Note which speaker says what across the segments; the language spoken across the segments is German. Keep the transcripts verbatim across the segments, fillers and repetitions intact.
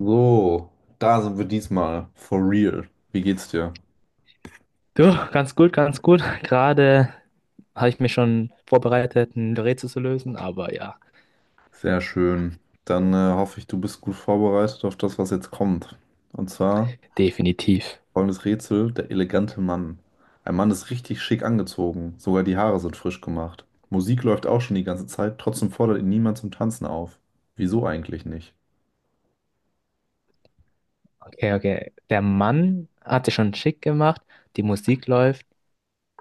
Speaker 1: So, da sind wir diesmal. For real. Wie geht's dir?
Speaker 2: Du, ganz gut, ganz gut. Gerade habe ich mich schon vorbereitet, ein Rätsel zu lösen, aber ja,
Speaker 1: Sehr schön. Dann äh, hoffe ich, du bist gut vorbereitet auf das, was jetzt kommt. Und zwar
Speaker 2: definitiv.
Speaker 1: folgendes Rätsel, der elegante Mann. Ein Mann ist richtig schick angezogen, sogar die Haare sind frisch gemacht. Musik läuft auch schon die ganze Zeit, trotzdem fordert ihn niemand zum Tanzen auf. Wieso eigentlich nicht?
Speaker 2: Okay, okay. Der Mann hat sich schon schick gemacht, die Musik läuft,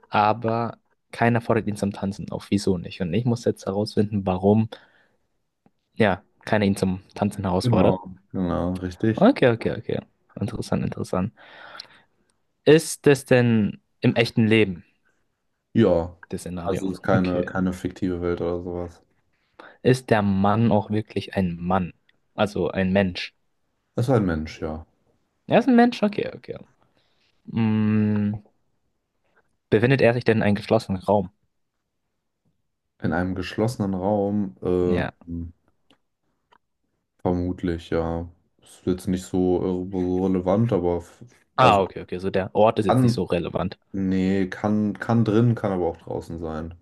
Speaker 2: aber keiner fordert ihn zum Tanzen auf. Wieso nicht? Und ich muss jetzt herausfinden, warum, ja, keiner ihn zum Tanzen herausfordert.
Speaker 1: Genau. Genau, richtig.
Speaker 2: Okay, okay, okay. Interessant, interessant. Ist das denn im echten Leben,
Speaker 1: Ja,
Speaker 2: das Szenario?
Speaker 1: also es ist keine,
Speaker 2: Okay.
Speaker 1: keine fiktive Welt oder sowas.
Speaker 2: Ist der Mann auch wirklich ein Mann? Also ein Mensch?
Speaker 1: Es ist ein Mensch, ja.
Speaker 2: Er ist ein Mensch, okay, okay. Mm, befindet er sich denn in einem geschlossenen Raum?
Speaker 1: In einem geschlossenen Raum, äh,
Speaker 2: Ja.
Speaker 1: vermutlich, ja. Ist jetzt nicht so äh, so relevant, aber f-
Speaker 2: Ah,
Speaker 1: also
Speaker 2: okay, okay. So der Ort ist jetzt nicht so
Speaker 1: kann,
Speaker 2: relevant.
Speaker 1: nee, kann, kann drin, kann aber auch draußen sein.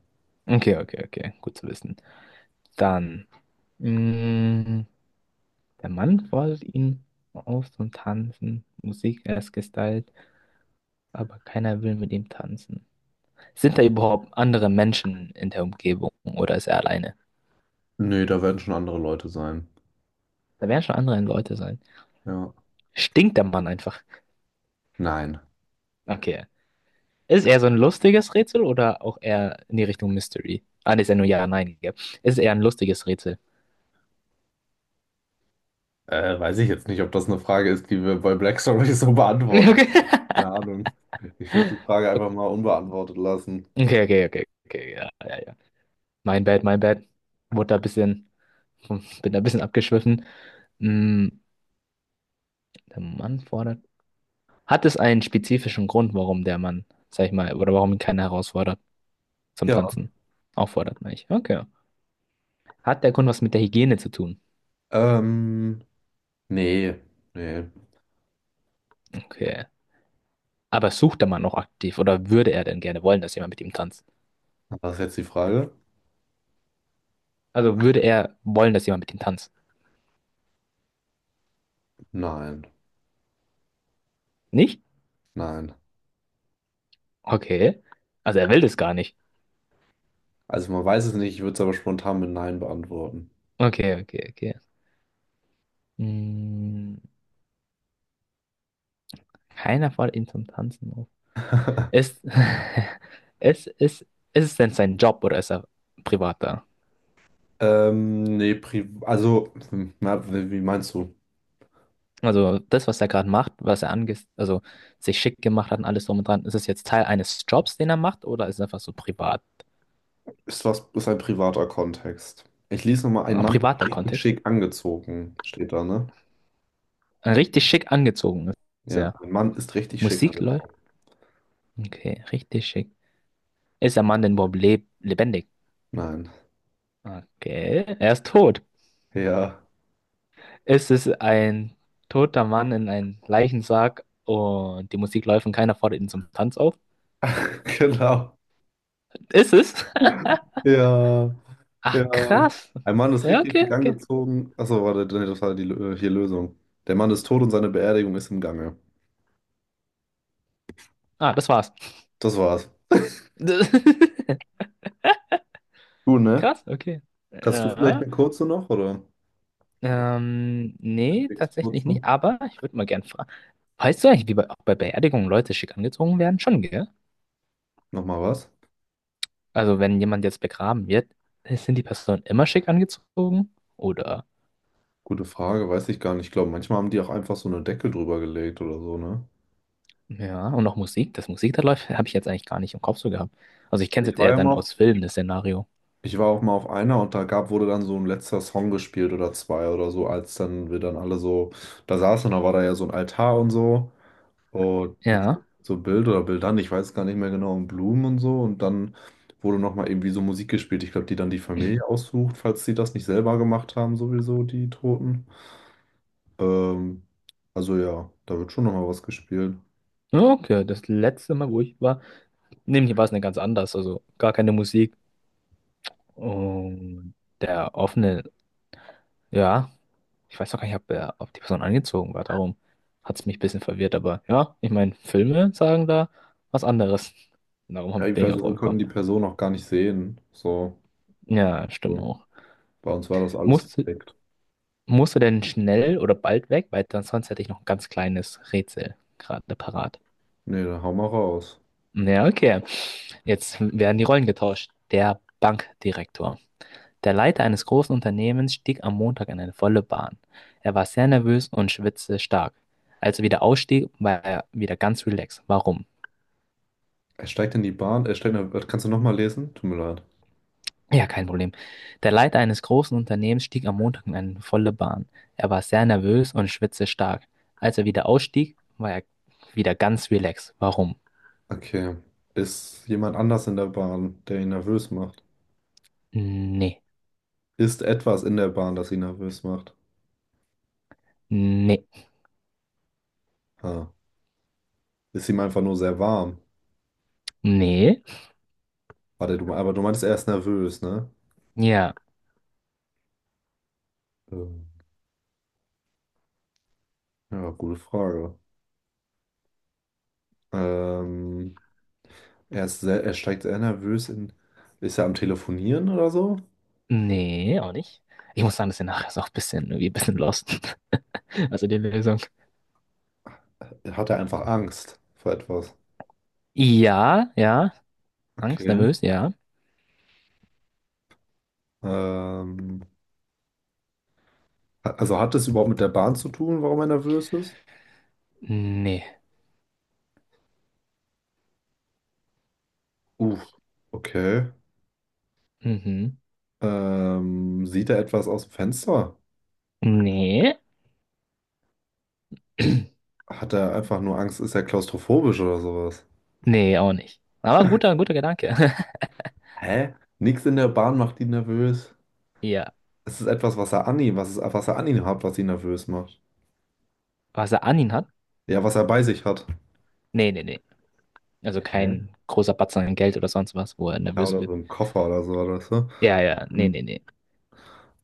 Speaker 2: Okay, okay, okay. Gut zu wissen. Dann. Mm, der Mann fordert ihn auf zum Tanzen. Musik ist gestylt, aber keiner will mit ihm tanzen. Sind da überhaupt andere Menschen in der Umgebung oder ist er alleine?
Speaker 1: Nee, da werden schon andere Leute sein.
Speaker 2: Da werden schon andere Leute sein.
Speaker 1: Ja.
Speaker 2: Stinkt der Mann einfach.
Speaker 1: Nein.
Speaker 2: Okay, ist es eher so ein lustiges Rätsel oder auch eher in die Richtung Mystery? Ah, ne, ist ja nur ja, nein, gell? Ist es eher ein lustiges Rätsel?
Speaker 1: Äh, weiß ich jetzt nicht, ob das eine Frage ist, die wir bei Black Stories so beantworten. Keine Ahnung. Ich würde die Frage einfach mal unbeantwortet lassen.
Speaker 2: Okay, okay, okay, okay, okay, ja, ja, ja. Mein Bad, mein Bad. Wurde da ein bisschen, bin da ein bisschen abgeschwiffen. Mm, der Mann fordert. Hat es einen spezifischen Grund, warum der Mann, sag ich mal, oder warum ihn keiner herausfordert zum
Speaker 1: Ja.
Speaker 2: Tanzen? Auffordert, meine ich. Okay. Hat der Grund was mit der Hygiene zu tun?
Speaker 1: Ähm, nee, nee.
Speaker 2: Okay. Aber sucht der Mann auch aktiv oder würde er denn gerne wollen, dass jemand mit ihm tanzt?
Speaker 1: Was ist jetzt die Frage?
Speaker 2: Also würde er wollen, dass jemand mit ihm tanzt?
Speaker 1: Nein,
Speaker 2: Nicht?
Speaker 1: nein.
Speaker 2: Okay. Also er will das gar nicht.
Speaker 1: Also man weiß es nicht, ich würde es aber spontan mit Nein beantworten.
Speaker 2: Okay, okay, okay. Hm, keiner fordert ihn zum Tanzen auf. Ist, ist, ist, ist es denn sein Job oder ist er privat da?
Speaker 1: Ähm, nee, pri also, hm, na, wie wie meinst du?
Speaker 2: Also das, was er gerade macht, was er ange also sich schick gemacht hat und alles drum und dran, ist es jetzt Teil eines Jobs, den er macht, oder ist es einfach so privat?
Speaker 1: Ist was, ist ein privater Kontext. Ich lese nochmal, ein
Speaker 2: Ein
Speaker 1: Mann ist
Speaker 2: privater
Speaker 1: richtig
Speaker 2: Kontext.
Speaker 1: schick angezogen, steht da, ne?
Speaker 2: Ein richtig schick angezogen ist
Speaker 1: Ja,
Speaker 2: er.
Speaker 1: ein Mann ist richtig schick
Speaker 2: Musik läuft?
Speaker 1: angezogen.
Speaker 2: Okay, richtig schick. Ist der Mann denn überhaupt leb lebendig?
Speaker 1: Nein.
Speaker 2: Okay, er ist tot.
Speaker 1: Ja,
Speaker 2: Es ist ein toter Mann in einem Leichensarg und die Musik läuft und keiner fordert ihn zum Tanz auf.
Speaker 1: genau.
Speaker 2: Ist es?
Speaker 1: Ja,
Speaker 2: Ach,
Speaker 1: ja.
Speaker 2: krass.
Speaker 1: Ein Mann ist
Speaker 2: Ja,
Speaker 1: richtig
Speaker 2: okay,
Speaker 1: schick
Speaker 2: okay.
Speaker 1: angezogen. Achso, warte, nee, das war die Lö- hier Lösung. Der Mann ist tot und seine Beerdigung ist im Gange.
Speaker 2: Ah, das war's.
Speaker 1: Das war's. Du, ne?
Speaker 2: Krass, okay.
Speaker 1: Kannst du vielleicht
Speaker 2: Ja,
Speaker 1: eine kurze noch, oder?
Speaker 2: ähm, nee, tatsächlich
Speaker 1: Kurze.
Speaker 2: nicht, aber ich würde mal gern fragen. Weißt du eigentlich, wie bei, auch bei Beerdigungen Leute schick angezogen werden? Schon, gell?
Speaker 1: Nochmal was?
Speaker 2: Also, wenn jemand jetzt begraben wird, sind die Personen immer schick angezogen? Oder?
Speaker 1: Gute Frage, weiß ich gar nicht. Ich glaube, manchmal haben die auch einfach so eine Decke drüber gelegt oder so, ne?
Speaker 2: Ja, und auch Musik, das Musik da läuft, habe ich jetzt eigentlich gar nicht im Kopf so gehabt. Also ich kenne
Speaker 1: Also
Speaker 2: es
Speaker 1: ich
Speaker 2: jetzt
Speaker 1: war
Speaker 2: eher
Speaker 1: ja mal
Speaker 2: dann
Speaker 1: auf,
Speaker 2: aus Filmen, das Szenario.
Speaker 1: ich war auch mal auf einer und da gab, wurde dann so ein letzter Song gespielt oder zwei oder so, als dann wir dann alle so da saßen, da war da ja so ein Altar und so und mit
Speaker 2: Ja.
Speaker 1: so Bild oder Bildern, ich weiß gar nicht mehr genau, und Blumen und so und dann wurde nochmal irgendwie so Musik gespielt. Ich glaube, die dann die Familie aussucht, falls die das nicht selber gemacht haben, sowieso, die Toten. Ähm, also ja, da wird schon nochmal was gespielt.
Speaker 2: Okay, das letzte Mal, wo ich war, nämlich hier war es eine ganz anders, also gar keine Musik. Und der offene, ja, ich weiß auch gar nicht, ob, er, ob die Person angezogen war, darum hat es mich ein bisschen verwirrt, aber ja, ich meine, Filme sagen da was anderes. Darum
Speaker 1: Ja,
Speaker 2: hab-
Speaker 1: ich-
Speaker 2: bin ich auch
Speaker 1: also wir
Speaker 2: drauf
Speaker 1: konnten
Speaker 2: gekommen.
Speaker 1: die Person auch gar nicht sehen. So,
Speaker 2: Ja, stimmt
Speaker 1: so.
Speaker 2: auch.
Speaker 1: Bei uns war das alles
Speaker 2: Muss,
Speaker 1: verdeckt.
Speaker 2: Musst du denn schnell oder bald weg? Weil dann sonst hätte ich noch ein ganz kleines Rätsel gerade parat.
Speaker 1: Nee, dann hau mal raus.
Speaker 2: Ja, okay. Jetzt werden die Rollen getauscht. Der Bankdirektor. Der Leiter eines großen Unternehmens stieg am Montag in eine volle Bahn. Er war sehr nervös und schwitzte stark. Als er wieder ausstieg, war er wieder ganz relaxed. Warum?
Speaker 1: Er steigt in die Bahn. Er steigt in der... Kannst du nochmal lesen? Tut mir leid.
Speaker 2: Ja, kein Problem. Der Leiter eines großen Unternehmens stieg am Montag in eine volle Bahn. Er war sehr nervös und schwitzte stark. Als er wieder ausstieg, war er wieder ganz relaxed. Warum?
Speaker 1: Okay. Ist jemand anders in der Bahn, der ihn nervös macht?
Speaker 2: Nee,
Speaker 1: Ist etwas in der Bahn, das ihn nervös macht?
Speaker 2: nee,
Speaker 1: Ah. Ist ihm einfach nur sehr warm.
Speaker 2: nee,
Speaker 1: Warte, du, aber du meintest, er ist nervös, ne?
Speaker 2: ja,
Speaker 1: Ähm, ja, gute Frage. Ähm, er ist sehr, er steigt sehr nervös in. Ist er am Telefonieren oder so?
Speaker 2: nee, auch nicht. Ich muss sagen, das nachher ist auch ein bisschen, irgendwie ein bisschen lost. Also die Lösung.
Speaker 1: Hat er einfach Angst vor etwas?
Speaker 2: Ja, ja, Angst,
Speaker 1: Okay.
Speaker 2: nervös, ja.
Speaker 1: Ähm, ha- also hat das überhaupt mit der Bahn zu tun, warum er nervös ist?
Speaker 2: Nee,
Speaker 1: Uff. Okay.
Speaker 2: mhm.
Speaker 1: Ähm, sieht er etwas aus dem Fenster?
Speaker 2: Nee,
Speaker 1: Hat er einfach nur Angst? Ist er klaustrophobisch oder sowas?
Speaker 2: nee, auch nicht. Aber ein guter, guter Gedanke.
Speaker 1: Hä? Nichts in der Bahn macht ihn nervös.
Speaker 2: Ja,
Speaker 1: Es ist etwas, was er an ihm, was, ist, was er an ihm hat, was ihn nervös macht.
Speaker 2: was er an ihn hat?
Speaker 1: Ja, was er bei sich hat.
Speaker 2: Nee, nee, nee. Also
Speaker 1: Hä?
Speaker 2: kein großer Batzen an Geld oder sonst was, wo er
Speaker 1: Ja,
Speaker 2: nervös
Speaker 1: oder so
Speaker 2: wird.
Speaker 1: ein Koffer oder so, oder so.
Speaker 2: Ja, ja, nee, nee,
Speaker 1: Hm.
Speaker 2: nee.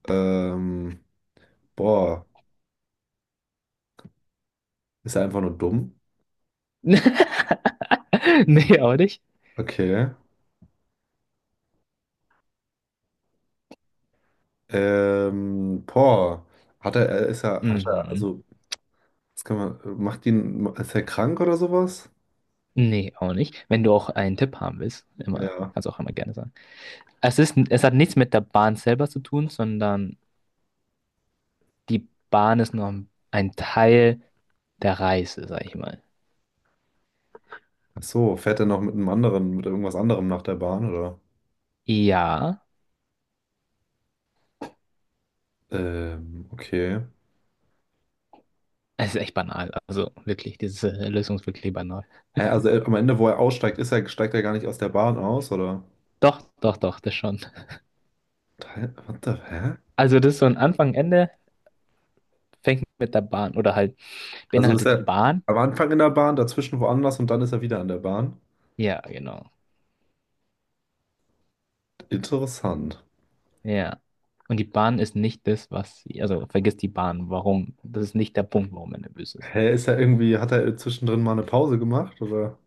Speaker 1: Ähm, boah, ist er einfach nur dumm?
Speaker 2: Nee, auch nicht.
Speaker 1: Okay. Ähm, boah, hat er, er ist er, hat er,
Speaker 2: Mhm.
Speaker 1: also, das kann man, macht ihn, ist er krank oder sowas?
Speaker 2: Nee, auch nicht. Wenn du auch einen Tipp haben willst, immer,
Speaker 1: Ja.
Speaker 2: kannst auch immer gerne sagen. Es ist, es hat nichts mit der Bahn selber zu tun, sondern die Bahn ist nur ein Teil der Reise, sag ich mal.
Speaker 1: Ach so, fährt er noch mit einem anderen, mit irgendwas anderem nach der Bahn, oder?
Speaker 2: Ja,
Speaker 1: Ähm, okay.
Speaker 2: es ist echt banal. Also wirklich, diese Lösung ist wirklich banal.
Speaker 1: Hä, also er, am Ende, wo er aussteigt, ist er, steigt er gar nicht aus der Bahn aus, oder?
Speaker 2: Doch, doch, doch, das schon.
Speaker 1: Hä? What the, hä?
Speaker 2: Also das ist so ein Anfang, Ende, fängt mit der Bahn oder halt
Speaker 1: Also ist
Speaker 2: beinhaltet die
Speaker 1: er
Speaker 2: Bahn.
Speaker 1: am Anfang in der Bahn, dazwischen woanders und dann ist er wieder an der Bahn?
Speaker 2: Ja, genau.
Speaker 1: Interessant.
Speaker 2: Ja. Und die Bahn ist nicht das, was sie, also vergiss die Bahn, warum. Das ist nicht der Punkt, warum er nervös ist.
Speaker 1: Hä, ist er irgendwie, hat er zwischendrin mal eine Pause gemacht, oder?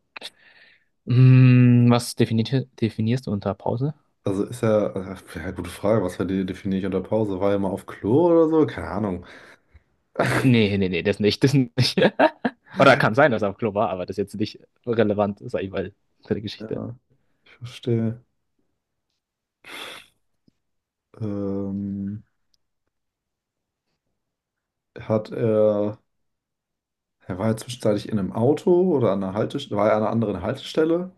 Speaker 2: Hm, was definiert, definierst du unter Pause?
Speaker 1: Also ist ja, äh, ja, gute Frage, was verdi- definiere ich unter Pause? War ja mal auf Klo oder so? Keine Ahnung.
Speaker 2: Nee, nee, nee, das nicht, das nicht. Oder kann sein, dass er auf Klo war, aber das ist jetzt nicht relevant, sag ich mal, für die Geschichte.
Speaker 1: Ja, ich verstehe. Ähm, hat er, er war ja zwischenzeitlich in einem Auto oder an einer Haltestelle, war er an einer anderen Haltestelle?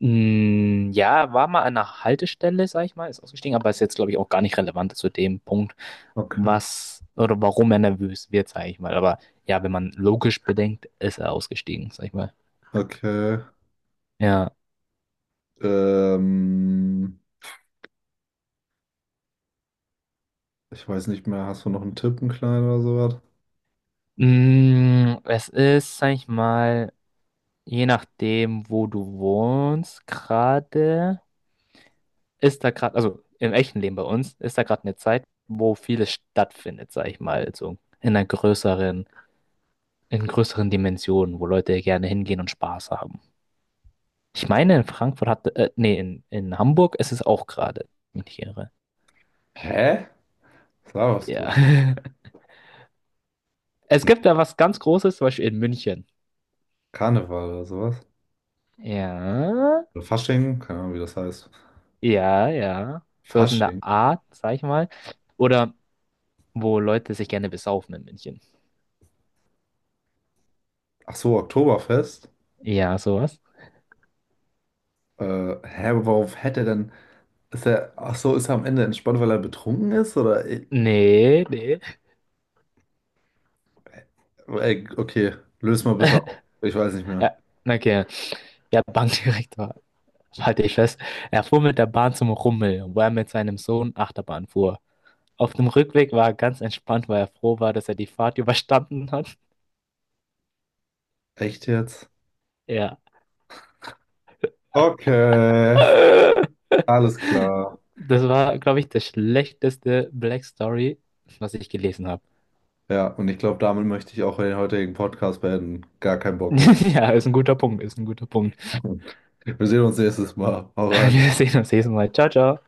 Speaker 2: Hm, ja, war mal an einer Haltestelle, sag ich mal, ist ausgestiegen, aber ist jetzt, glaube ich, auch gar nicht relevant zu dem Punkt,
Speaker 1: Okay.
Speaker 2: was oder warum er nervös wird, sag ich mal. Aber ja, wenn man logisch bedenkt, ist er ausgestiegen, sag ich mal.
Speaker 1: Okay.
Speaker 2: Ja.
Speaker 1: Ähm, ich weiß nicht mehr, hast du noch einen Tipp, einen kleinen oder sowas?
Speaker 2: Mm, es ist, sag ich mal, je nachdem, wo du wohnst, gerade. Ist da gerade, also im echten Leben bei uns, ist da gerade eine Zeit, wo vieles stattfindet, sag ich mal, so in einer größeren, in größeren Dimensionen, wo Leute gerne hingehen und Spaß haben. Ich meine, in Frankfurt hat, äh, nee, in, in Hamburg ist es auch gerade, wenn ich mich nicht irre.
Speaker 1: Hä? Was laberst du?
Speaker 2: Ja. Es
Speaker 1: Hm,
Speaker 2: gibt da was ganz Großes, zum Beispiel in München.
Speaker 1: Karneval oder sowas?
Speaker 2: Ja,
Speaker 1: Oder Fasching? Keine Ahnung, wie das heißt.
Speaker 2: ja, ja. Sowas in
Speaker 1: Fasching?
Speaker 2: der Art, sag ich mal. Oder wo Leute sich gerne besaufen in München.
Speaker 1: Ach so, Oktoberfest?
Speaker 2: Ja, sowas.
Speaker 1: Äh, hä, aber worauf hätte er denn? Ist er, ach so, ist er am Ende entspannt, weil er betrunken ist? Oder? Ey,
Speaker 2: Nee, nee.
Speaker 1: ey, okay, löst mal bitte auf. Ich weiß nicht mehr.
Speaker 2: Ja, okay. Der Bankdirektor, halte ich fest, er fuhr mit der Bahn zum Rummel, wo er mit seinem Sohn Achterbahn fuhr. Auf dem Rückweg war er ganz entspannt, weil er froh war, dass er die Fahrt überstanden hat.
Speaker 1: Echt jetzt?
Speaker 2: Ja.
Speaker 1: Okay, alles klar.
Speaker 2: Das war, glaube ich, das schlechteste Black Story, was ich gelesen habe.
Speaker 1: Ja, und ich glaube, damit möchte ich auch den heutigen Podcast beenden. Gar keinen Bock mehr.
Speaker 2: Ja, ist ein guter Punkt, ist ein guter Punkt.
Speaker 1: Wir sehen uns nächstes Mal. Hau rein.
Speaker 2: Wir sehen uns nächstes Mal. Ciao, ciao.